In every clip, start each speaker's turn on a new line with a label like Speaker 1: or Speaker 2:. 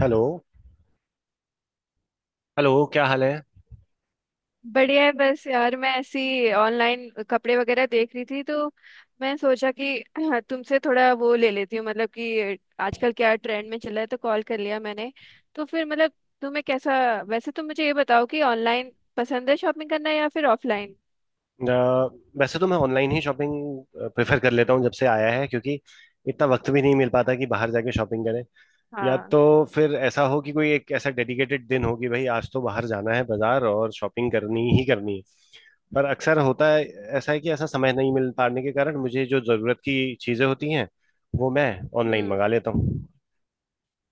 Speaker 1: Hello. Hello, क्या हाल है?
Speaker 2: बढ़िया है। बस यार, मैं ऐसी ऑनलाइन कपड़े वगैरह देख रही थी, तो मैं सोचा कि हाँ, तुमसे थोड़ा वो ले लेती हूँ, मतलब कि आजकल क्या ट्रेंड में चला है, तो कॉल कर लिया मैंने। तो फिर मतलब तुम्हें कैसा। वैसे तुम मुझे ये बताओ कि ऑनलाइन पसंद है शॉपिंग करना या फिर ऑफलाइन।
Speaker 1: अ, वैसे तो मैं ऑनलाइन ही शॉपिंग प्रेफर कर लेता हूँ जब से आया है, क्योंकि इतना वक्त भी नहीं मिल पाता कि बाहर जाके शॉपिंग करें। या
Speaker 2: हाँ।
Speaker 1: तो फिर ऐसा हो कि कोई एक ऐसा डेडिकेटेड दिन हो कि भाई आज तो बाहर जाना है बाजार, और शॉपिंग करनी ही करनी है। पर अक्सर होता है ऐसा है कि ऐसा समय नहीं मिल पाने के कारण मुझे जो ज़रूरत की चीज़ें होती हैं वो मैं ऑनलाइन
Speaker 2: हम्म।
Speaker 1: मंगा लेता हूँ।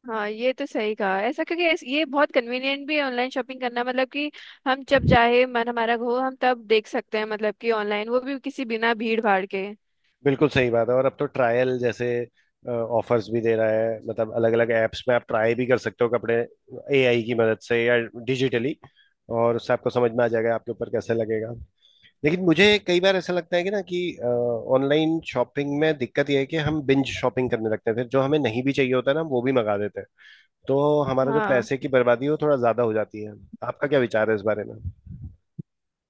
Speaker 2: हाँ, ये तो सही कहा ऐसा, क्योंकि ये बहुत कन्वीनियंट भी है ऑनलाइन शॉपिंग करना, मतलब कि हम जब चाहे मन हमारा हो हम तब देख सकते हैं, मतलब कि ऑनलाइन वो भी किसी बिना भीड़ भाड़ के।
Speaker 1: बिल्कुल सही बात है, और अब तो ट्रायल जैसे ऑफर्स भी दे रहा है। मतलब अलग अलग ऐप्स में आप ट्राई भी कर सकते हो कपड़े एआई की मदद से या डिजिटली, और उससे आपको समझ में आ जाएगा आपके ऊपर कैसे लगेगा। लेकिन मुझे कई बार ऐसा लगता है कि ना कि ऑनलाइन शॉपिंग में दिक्कत यह है कि हम बिंज शॉपिंग करने लगते हैं, फिर जो हमें नहीं भी चाहिए होता है ना हम वो भी मंगा देते हैं। तो हमारा जो
Speaker 2: हाँ।
Speaker 1: पैसे की बर्बादी है वो थोड़ा ज्यादा हो जाती है। आपका क्या विचार है इस बारे में?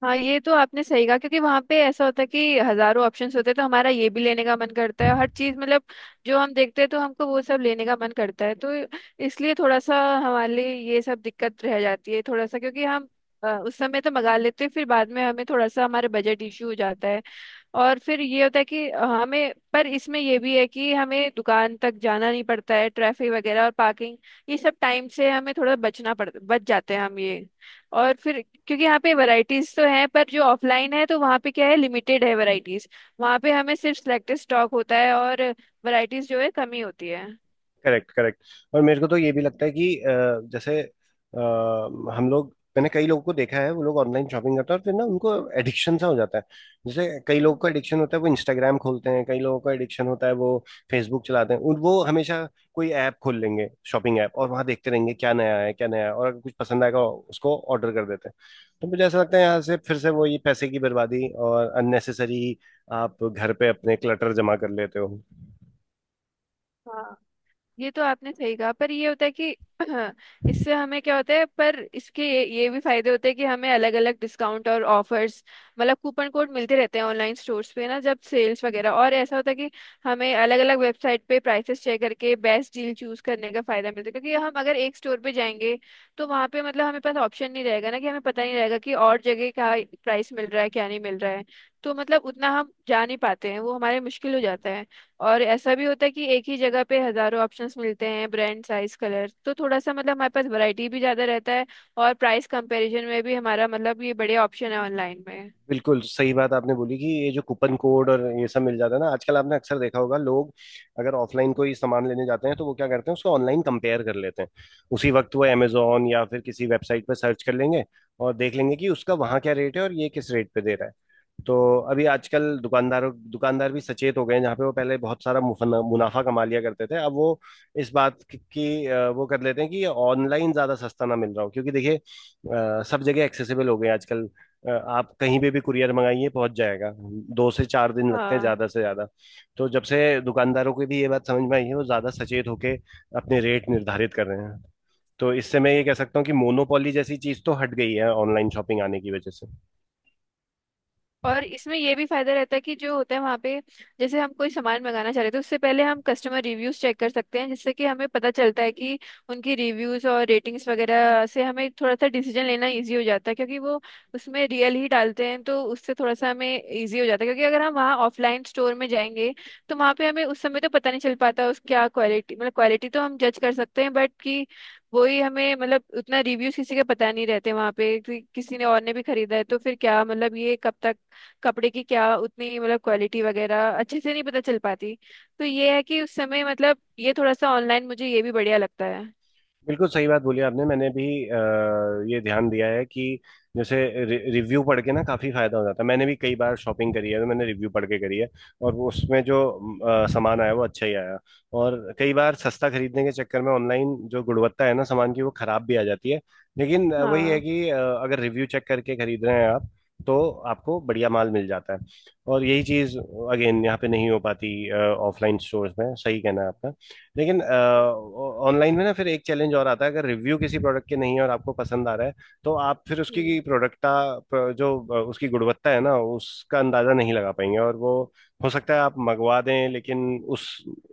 Speaker 2: हाँ, ये तो आपने सही कहा क्योंकि वहां पे ऐसा होता है कि हजारों ऑप्शंस होते हैं, तो हमारा ये भी लेने का मन करता है हर चीज, मतलब जो हम देखते हैं तो हमको वो सब लेने का मन करता है, तो इसलिए थोड़ा सा हमारे लिए ये सब दिक्कत रह जाती है थोड़ा सा, क्योंकि हम उस समय तो मंगा लेते हैं, फिर बाद में हमें थोड़ा सा हमारे बजट इशू हो जाता है। और फिर ये होता है कि हमें, पर इसमें ये भी है कि हमें दुकान तक जाना नहीं पड़ता है, ट्रैफिक वगैरह और पार्किंग ये सब टाइम से हमें थोड़ा बचना पड़ बच जाते हैं हम ये। और फिर क्योंकि यहाँ पे वैरायटीज तो हैं, पर जो ऑफलाइन है तो वहाँ पे क्या है, लिमिटेड है वैरायटीज। वहाँ पे हमें सिर्फ सिलेक्टेड स्टॉक होता है, और वैरायटीज जो है कमी होती है।
Speaker 1: Correct, correct. और मेरे को तो ये भी लगता है कि जैसे, हम लोग, मैंने कई लोगों को देखा है, वो लोग ऑनलाइन शॉपिंग करते हैं और फिर ना उनको एडिक्शन सा हो जाता है। जैसे कई लोगों
Speaker 2: हम्म,
Speaker 1: का एडिक्शन होता है वो इंस्टाग्राम खोलते हैं, कई लोगों का एडिक्शन होता है वो फेसबुक चलाते हैं। वो हमेशा कोई ऐप खोल लेंगे, शॉपिंग ऐप, और वहां देखते रहेंगे क्या नया है, क्या नया है, और अगर कुछ पसंद आएगा उसको ऑर्डर कर देते हैं। तो मुझे ऐसा लगता है यहाँ से फिर से वो ये पैसे की बर्बादी और अननेसेसरी आप घर पे अपने क्लटर जमा कर लेते हो।
Speaker 2: हाँ, ये तो आपने सही कहा पर ये होता है कि इससे हमें क्या होता है, पर इसके ये भी फायदे होते हैं कि हमें अलग अलग डिस्काउंट और ऑफर्स, मतलब कूपन कोड मिलते रहते हैं ऑनलाइन स्टोर्स पे ना जब सेल्स वगैरह, और ऐसा होता है कि हमें अलग अलग वेबसाइट पे प्राइसेस चेक करके बेस्ट डील चूज करने का फायदा मिलता है, क्योंकि हम अगर एक स्टोर पे जाएंगे तो वहाँ पे मतलब हमें पास ऑप्शन नहीं रहेगा ना, कि हमें पता नहीं रहेगा कि और जगह क्या प्राइस मिल रहा है क्या नहीं मिल रहा है। तो मतलब उतना हम जा नहीं पाते हैं वो हमारे मुश्किल हो जाता है। और ऐसा भी होता है कि एक ही जगह पे हजारों ऑप्शंस मिलते हैं, ब्रांड साइज कलर, तो थोड़ा सा मतलब हमारे पास वैरायटी भी ज्यादा रहता है, और प्राइस कंपैरिजन में भी हमारा मतलब ये बढ़िया ऑप्शन है ऑनलाइन में।
Speaker 1: बिल्कुल सही बात आपने बोली कि ये जो कूपन कोड और ये सब मिल जाता है ना आजकल, आपने अक्सर देखा होगा, लोग अगर ऑफलाइन कोई सामान लेने जाते हैं तो वो क्या करते हैं उसको ऑनलाइन कंपेयर कर लेते हैं उसी वक्त। वो Amazon या फिर किसी वेबसाइट पर सर्च कर लेंगे और देख लेंगे कि उसका वहाँ क्या रेट है और ये किस रेट पे दे रहा है। तो अभी आजकल दुकानदार भी सचेत हो गए हैं। जहाँ पे वो पहले बहुत सारा मुनाफा कमा लिया करते थे, अब वो इस बात की वो कर लेते हैं कि ऑनलाइन ज्यादा सस्ता ना मिल रहा हो, क्योंकि देखिए सब जगह एक्सेसिबल हो गए हैं आजकल। आप कहीं पे भी कुरियर मंगाइए पहुंच जाएगा। दो से चार दिन लगते हैं
Speaker 2: हाँ।
Speaker 1: ज्यादा से ज्यादा। तो जब से दुकानदारों को भी ये बात समझ में आई है वो ज्यादा सचेत होके अपने रेट निर्धारित कर रहे हैं। तो इससे मैं ये कह सकता हूँ कि मोनोपोली जैसी चीज तो हट गई है ऑनलाइन शॉपिंग आने की वजह से।
Speaker 2: और इसमें ये भी फायदा रहता है कि जो होता है वहाँ पे, जैसे हम कोई सामान मंगाना चाह रहे थे उससे पहले हम कस्टमर रिव्यूज चेक कर सकते हैं, जिससे कि हमें पता चलता है कि उनकी रिव्यूज और रेटिंग्स वगैरह से हमें थोड़ा सा डिसीजन लेना इजी हो जाता है, क्योंकि वो उसमें रियल ही डालते हैं तो उससे थोड़ा सा हमें इजी हो जाता है, क्योंकि अगर हम वहाँ ऑफलाइन स्टोर में जाएंगे तो वहाँ पे हमें उस समय तो पता नहीं चल पाता, उस क्या क्वालिटी, मतलब क्वालिटी तो हम जज कर सकते हैं बट कि वही हमें, मतलब उतना रिव्यूज किसी के पता नहीं रहते वहाँ पे, कि किसी ने और ने भी खरीदा है तो फिर क्या, मतलब ये कब तक कपड़े की क्या उतनी, मतलब क्वालिटी वगैरह अच्छे से नहीं पता चल पाती। तो ये है कि उस समय मतलब ये थोड़ा सा ऑनलाइन मुझे ये भी बढ़िया लगता है।
Speaker 1: बिल्कुल सही बात बोली आपने। मैंने भी अ, ये ध्यान दिया है कि जैसे रिव्यू पढ़ के ना काफ़ी फायदा हो जाता है। मैंने भी कई बार शॉपिंग करी है तो मैंने रिव्यू पढ़ के करी है, और वो उसमें जो सामान आया वो अच्छा ही आया। और कई बार सस्ता खरीदने के चक्कर में ऑनलाइन जो गुणवत्ता है ना सामान की वो खराब भी आ जाती है। लेकिन वही है
Speaker 2: हाँ।
Speaker 1: कि अगर रिव्यू चेक करके खरीद रहे हैं आप तो आपको बढ़िया माल मिल जाता है, और यही चीज़ अगेन यहाँ पे नहीं हो पाती ऑफलाइन स्टोर्स में, सही कहना है आपका। लेकिन ऑनलाइन में ना फिर एक चैलेंज और आता है, अगर रिव्यू किसी प्रोडक्ट के नहीं है और आपको पसंद आ रहा है तो आप फिर
Speaker 2: हम्म।
Speaker 1: उसकी प्रोडक्टा जो उसकी गुणवत्ता है ना उसका अंदाजा नहीं लगा पाएंगे, और वो हो सकता है आप मंगवा दें लेकिन उस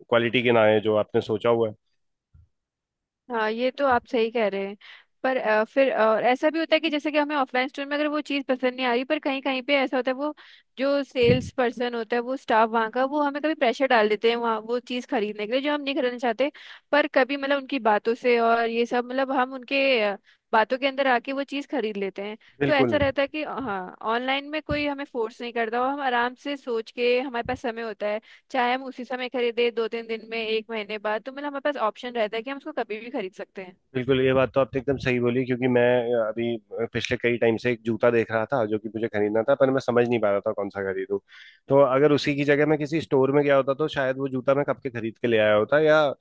Speaker 1: क्वालिटी के ना आए जो आपने सोचा हुआ है।
Speaker 2: हाँ, ये तो आप सही कह रहे हैं, पर फिर ऐसा भी होता है कि जैसे कि हमें ऑफलाइन स्टोर में अगर वो चीज़ पसंद नहीं आ रही, पर कहीं कहीं पे ऐसा होता है वो जो सेल्स पर्सन होता है वो स्टाफ वहाँ का वो हमें कभी प्रेशर डाल देते हैं वहाँ वो चीज़ खरीदने के लिए जो हम नहीं खरीदना चाहते, पर कभी मतलब उनकी बातों से और ये सब मतलब हम उनके बातों के अंदर आके वो चीज़ खरीद लेते हैं। तो ऐसा
Speaker 1: बिल्कुल
Speaker 2: रहता है कि हाँ ऑनलाइन में कोई हमें फोर्स नहीं करता, और हम आराम से सोच के हमारे पास समय होता है, चाहे हम उसी समय खरीदे दो तीन दिन में एक महीने बाद, तो मतलब हमारे पास ऑप्शन रहता है कि हम उसको कभी भी खरीद सकते हैं।
Speaker 1: बिल्कुल ये बात तो आपने एकदम सही बोली, क्योंकि मैं अभी पिछले कई टाइम से एक जूता देख रहा था जो कि मुझे खरीदना था, पर मैं समझ नहीं पा रहा था कौन सा खरीदूं। तो अगर उसी की जगह मैं किसी स्टोर में गया होता तो शायद वो जूता मैं कब के खरीद के ले आया होता, या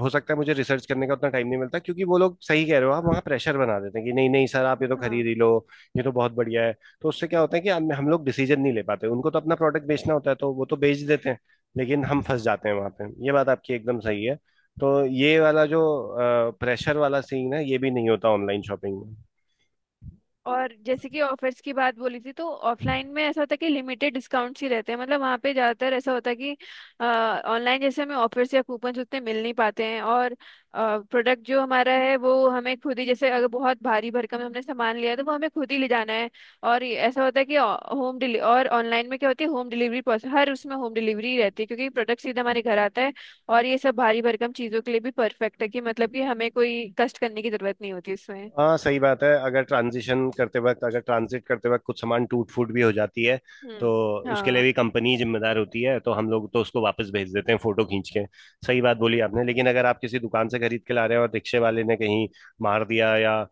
Speaker 1: हो सकता है मुझे रिसर्च करने का उतना टाइम नहीं मिलता, क्योंकि वो लोग, सही कह रहे हो आप, वहाँ प्रेशर बना देते हैं कि नहीं नहीं सर आप ये तो
Speaker 2: हाँ।
Speaker 1: खरीद ही लो, ये तो बहुत बढ़िया है। तो उससे क्या होता है कि हम लोग डिसीजन नहीं ले पाते। उनको तो अपना प्रोडक्ट बेचना होता है तो वो तो बेच देते हैं, लेकिन हम फंस जाते हैं वहां पे। ये बात आपकी एकदम सही है। तो ये वाला जो प्रेशर वाला सीन है ये भी नहीं होता ऑनलाइन शॉपिंग में।
Speaker 2: और जैसे कि ऑफर्स की बात बोली थी, तो ऑफलाइन में ऐसा होता है कि लिमिटेड डिस्काउंट्स ही रहते हैं, मतलब वहाँ पे ज़्यादातर ऐसा होता है कि ऑनलाइन जैसे हमें ऑफर्स या कूपन्स उतने मिल नहीं पाते हैं, और प्रोडक्ट जो हमारा है वो हमें खुद ही, जैसे अगर बहुत भारी भरकम हमने सामान लिया है, तो वो हमें खुद ही ले जाना है। और ये ऐसा होता है कि होम डिली और ऑनलाइन में क्या होती है, होम डिलीवरी पॉसिबल, हर उसमें होम डिलीवरी रहती है क्योंकि प्रोडक्ट सीधा हमारे घर आता है। और ये सब भारी भरकम चीज़ों के लिए भी परफेक्ट है कि, मतलब कि हमें कोई कष्ट करने की ज़रूरत नहीं होती इसमें।
Speaker 1: हाँ, सही बात है। अगर ट्रांजिशन करते वक्त, अगर ट्रांजिट करते वक्त कुछ सामान टूट फूट भी हो जाती है तो
Speaker 2: हम्म।
Speaker 1: उसके लिए
Speaker 2: हाँ।
Speaker 1: भी कंपनी जिम्मेदार होती है, तो हम लोग तो उसको वापस भेज देते हैं फोटो खींच के। सही बात बोली आपने, लेकिन अगर आप किसी दुकान से खरीद के ला रहे हो और रिक्शे वाले ने कहीं मार दिया या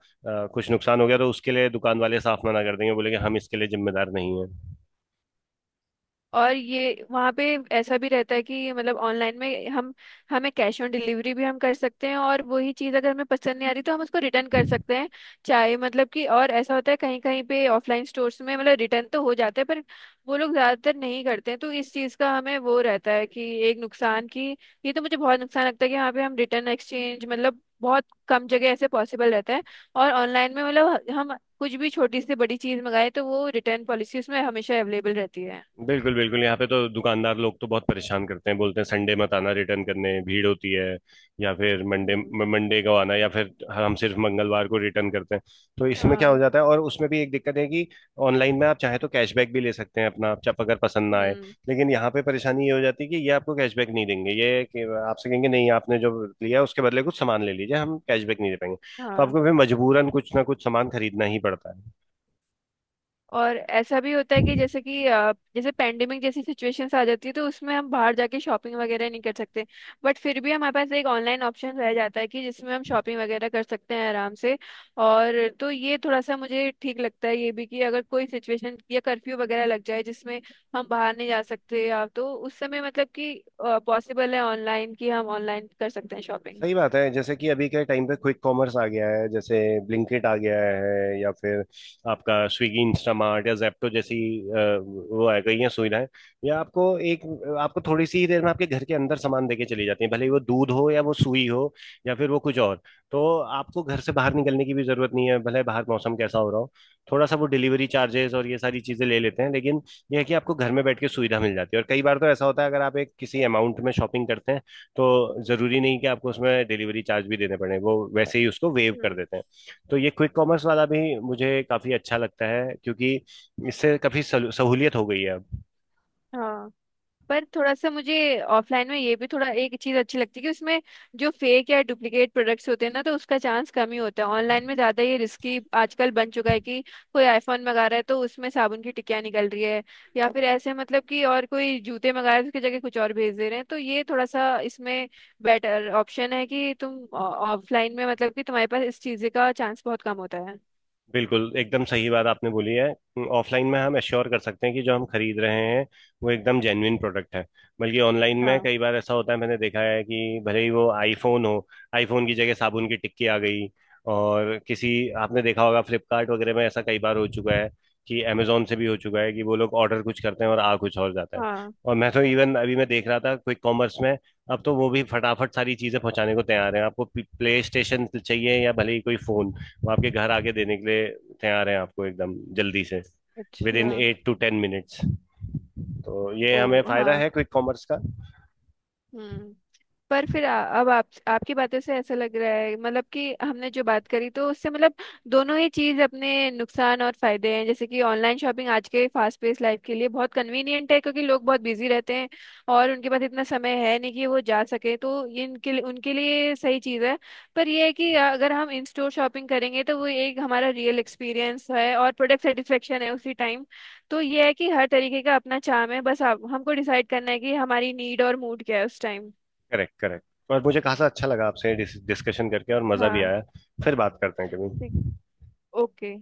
Speaker 1: कुछ नुकसान हो गया, तो उसके लिए दुकान वाले साफ मना कर देंगे, बोलेंगे हम इसके लिए जिम्मेदार नहीं है।
Speaker 2: और ये वहाँ पे ऐसा भी रहता है कि मतलब ऑनलाइन में हम हमें कैश ऑन डिलीवरी भी हम कर सकते हैं, और वही चीज़ अगर हमें पसंद नहीं आ रही तो हम उसको रिटर्न कर सकते हैं, चाहे मतलब कि, और ऐसा होता है कहीं कहीं पे ऑफलाइन स्टोर्स में मतलब रिटर्न तो हो जाता है पर वो लोग ज़्यादातर नहीं करते हैं, तो इस चीज़ का हमें वो रहता है कि एक नुकसान की। ये तो मुझे बहुत नुकसान लगता है कि यहाँ पे हम रिटर्न एक्सचेंज मतलब बहुत कम जगह ऐसे पॉसिबल रहता है, और ऑनलाइन में मतलब हम कुछ भी छोटी से बड़ी चीज़ मंगाए तो वो रिटर्न पॉलिसी उसमें हमेशा अवेलेबल रहती
Speaker 1: बिल्कुल बिल्कुल, यहाँ पे तो दुकानदार लोग तो बहुत परेशान करते हैं, बोलते हैं संडे मत आना रिटर्न करने, भीड़ होती है, या फिर मंडे
Speaker 2: है।
Speaker 1: मंडे को आना, या फिर हम सिर्फ मंगलवार को रिटर्न करते हैं। तो इसमें क्या हो
Speaker 2: हाँ।
Speaker 1: जाता है, और उसमें भी एक दिक्कत है कि ऑनलाइन में आप चाहे तो कैशबैक भी ले सकते हैं अपना, आप अगर पसंद ना आए।
Speaker 2: हम्म।
Speaker 1: लेकिन यहाँ पे परेशानी ये हो जाती है कि ये आपको कैशबैक नहीं देंगे, ये कि आपसे कहेंगे नहीं आपने जो लिया उसके बदले कुछ सामान ले लीजिए, हम कैशबैक नहीं दे पाएंगे। तो
Speaker 2: हाँ।
Speaker 1: आपको फिर मजबूरन कुछ ना कुछ सामान खरीदना ही पड़ता है।
Speaker 2: और ऐसा भी होता है कि जैसे कि जैसे पेंडेमिक जैसी सिचुएशंस आ जाती है तो उसमें हम बाहर जाके शॉपिंग वगैरह नहीं कर सकते, बट फिर भी हमारे पास एक ऑनलाइन ऑप्शन रह जाता है कि जिसमें हम शॉपिंग वगैरह कर सकते हैं आराम से। और तो ये थोड़ा सा मुझे ठीक लगता है ये भी, कि अगर कोई सिचुएशन या कर्फ्यू वगैरह लग जाए जिसमें हम बाहर नहीं जा सकते, या तो उस समय मतलब कि पॉसिबल है ऑनलाइन, कि हम ऑनलाइन कर सकते हैं शॉपिंग।
Speaker 1: सही बात है, जैसे कि अभी के टाइम पे क्विक कॉमर्स आ गया है, जैसे ब्लिंकिट आ गया है, या फिर आपका स्विगी इंस्टामार्ट या जेप्टो जैसी अ, वो आ गई हैं सुविधाएं। या आपको एक आपको थोड़ी सी ही देर में आपके घर के अंदर सामान देके चली जाती है, भले ही वो दूध हो या वो सुई हो या फिर वो कुछ और। तो आपको घर से बाहर निकलने की भी जरूरत नहीं है, भले बाहर मौसम कैसा हो रहा हो। थोड़ा सा वो डिलीवरी चार्जेस और ये सारी चीजें ले लेते हैं, लेकिन यह है कि आपको घर में बैठ के सुविधा मिल जाती है। और कई बार तो ऐसा होता है अगर आप एक किसी अमाउंट में शॉपिंग करते हैं तो ज़रूरी नहीं कि आपको उसमें डिलीवरी चार्ज भी देने पड़े, वो वैसे ही उसको वेव कर
Speaker 2: हम्म।
Speaker 1: देते हैं। तो ये क्विक कॉमर्स वाला भी मुझे काफ़ी अच्छा लगता है, क्योंकि इससे काफ़ी सहूलियत हो गई है अब।
Speaker 2: हाँ। पर थोड़ा सा मुझे ऑफलाइन में ये भी थोड़ा एक चीज अच्छी लगती है कि उसमें जो फेक या डुप्लीकेट प्रोडक्ट्स होते हैं ना, तो उसका चांस कम ही होता है। ऑनलाइन में ज्यादा ये रिस्की आजकल बन चुका है कि कोई आईफोन मंगा रहा है तो उसमें साबुन की टिकिया निकल रही है, या फिर ऐसे मतलब कि, और कोई जूते मंगा रहे हैं उसकी जगह कुछ और भेज दे रहे हैं, तो ये थोड़ा सा इसमें बेटर ऑप्शन है कि तुम ऑफलाइन में मतलब कि तुम्हारे पास इस चीज का चांस बहुत कम होता है।
Speaker 1: बिल्कुल एकदम सही बात आपने बोली है। ऑफलाइन में हम एश्योर कर सकते हैं कि जो हम खरीद रहे हैं वो एकदम जेन्युइन प्रोडक्ट है। बल्कि ऑनलाइन में
Speaker 2: हाँ।
Speaker 1: कई बार ऐसा होता है, मैंने देखा है कि भले ही वो आईफोन हो, आईफोन की जगह साबुन की टिक्की आ गई। और किसी, आपने देखा होगा फ्लिपकार्ट वगैरह में ऐसा कई बार हो चुका है कि, अमेजोन से भी हो चुका है कि वो लोग ऑर्डर कुछ करते हैं और आ कुछ और जाता है।
Speaker 2: हाँ।
Speaker 1: और मैं तो इवन अभी मैं देख रहा था क्विक कॉमर्स में अब तो वो भी फटाफट सारी चीज़ें पहुंचाने को तैयार हैं। आपको प्ले स्टेशन चाहिए या भले ही कोई फोन, वो आपके घर आके देने के लिए तैयार हैं, आपको एकदम जल्दी से, विद
Speaker 2: अच्छा।
Speaker 1: इन 8 to 10 minutes। तो ये
Speaker 2: ओ।
Speaker 1: हमें फायदा
Speaker 2: हाँ।
Speaker 1: है क्विक कॉमर्स का।
Speaker 2: हम्म। पर फिर अब आप आपकी बातों से ऐसा लग रहा है, मतलब कि हमने जो बात करी तो उससे मतलब दोनों ही चीज अपने नुकसान और फायदे हैं, जैसे कि ऑनलाइन शॉपिंग आज के फास्ट पेस लाइफ के लिए बहुत कन्वीनियंट है क्योंकि लोग बहुत बिजी रहते हैं, और उनके पास इतना समय है नहीं कि वो जा सके, तो ये इनके लिए उनके लिए सही चीज है। पर ये है कि अगर हम इन स्टोर शॉपिंग करेंगे तो वो एक हमारा रियल एक्सपीरियंस है और प्रोडक्ट सेटिस्फेक्शन है उसी टाइम। तो ये है कि हर तरीके का अपना चार्म है, बस आप हमको डिसाइड करना है कि हमारी नीड और मूड क्या है उस टाइम।
Speaker 1: Correct, correct. और मुझे खासा अच्छा लगा आपसे डिस्कशन करके, और मजा भी
Speaker 2: हाँ।
Speaker 1: आया। फिर बात करते हैं
Speaker 2: ठीक।
Speaker 1: कभी।
Speaker 2: ओके।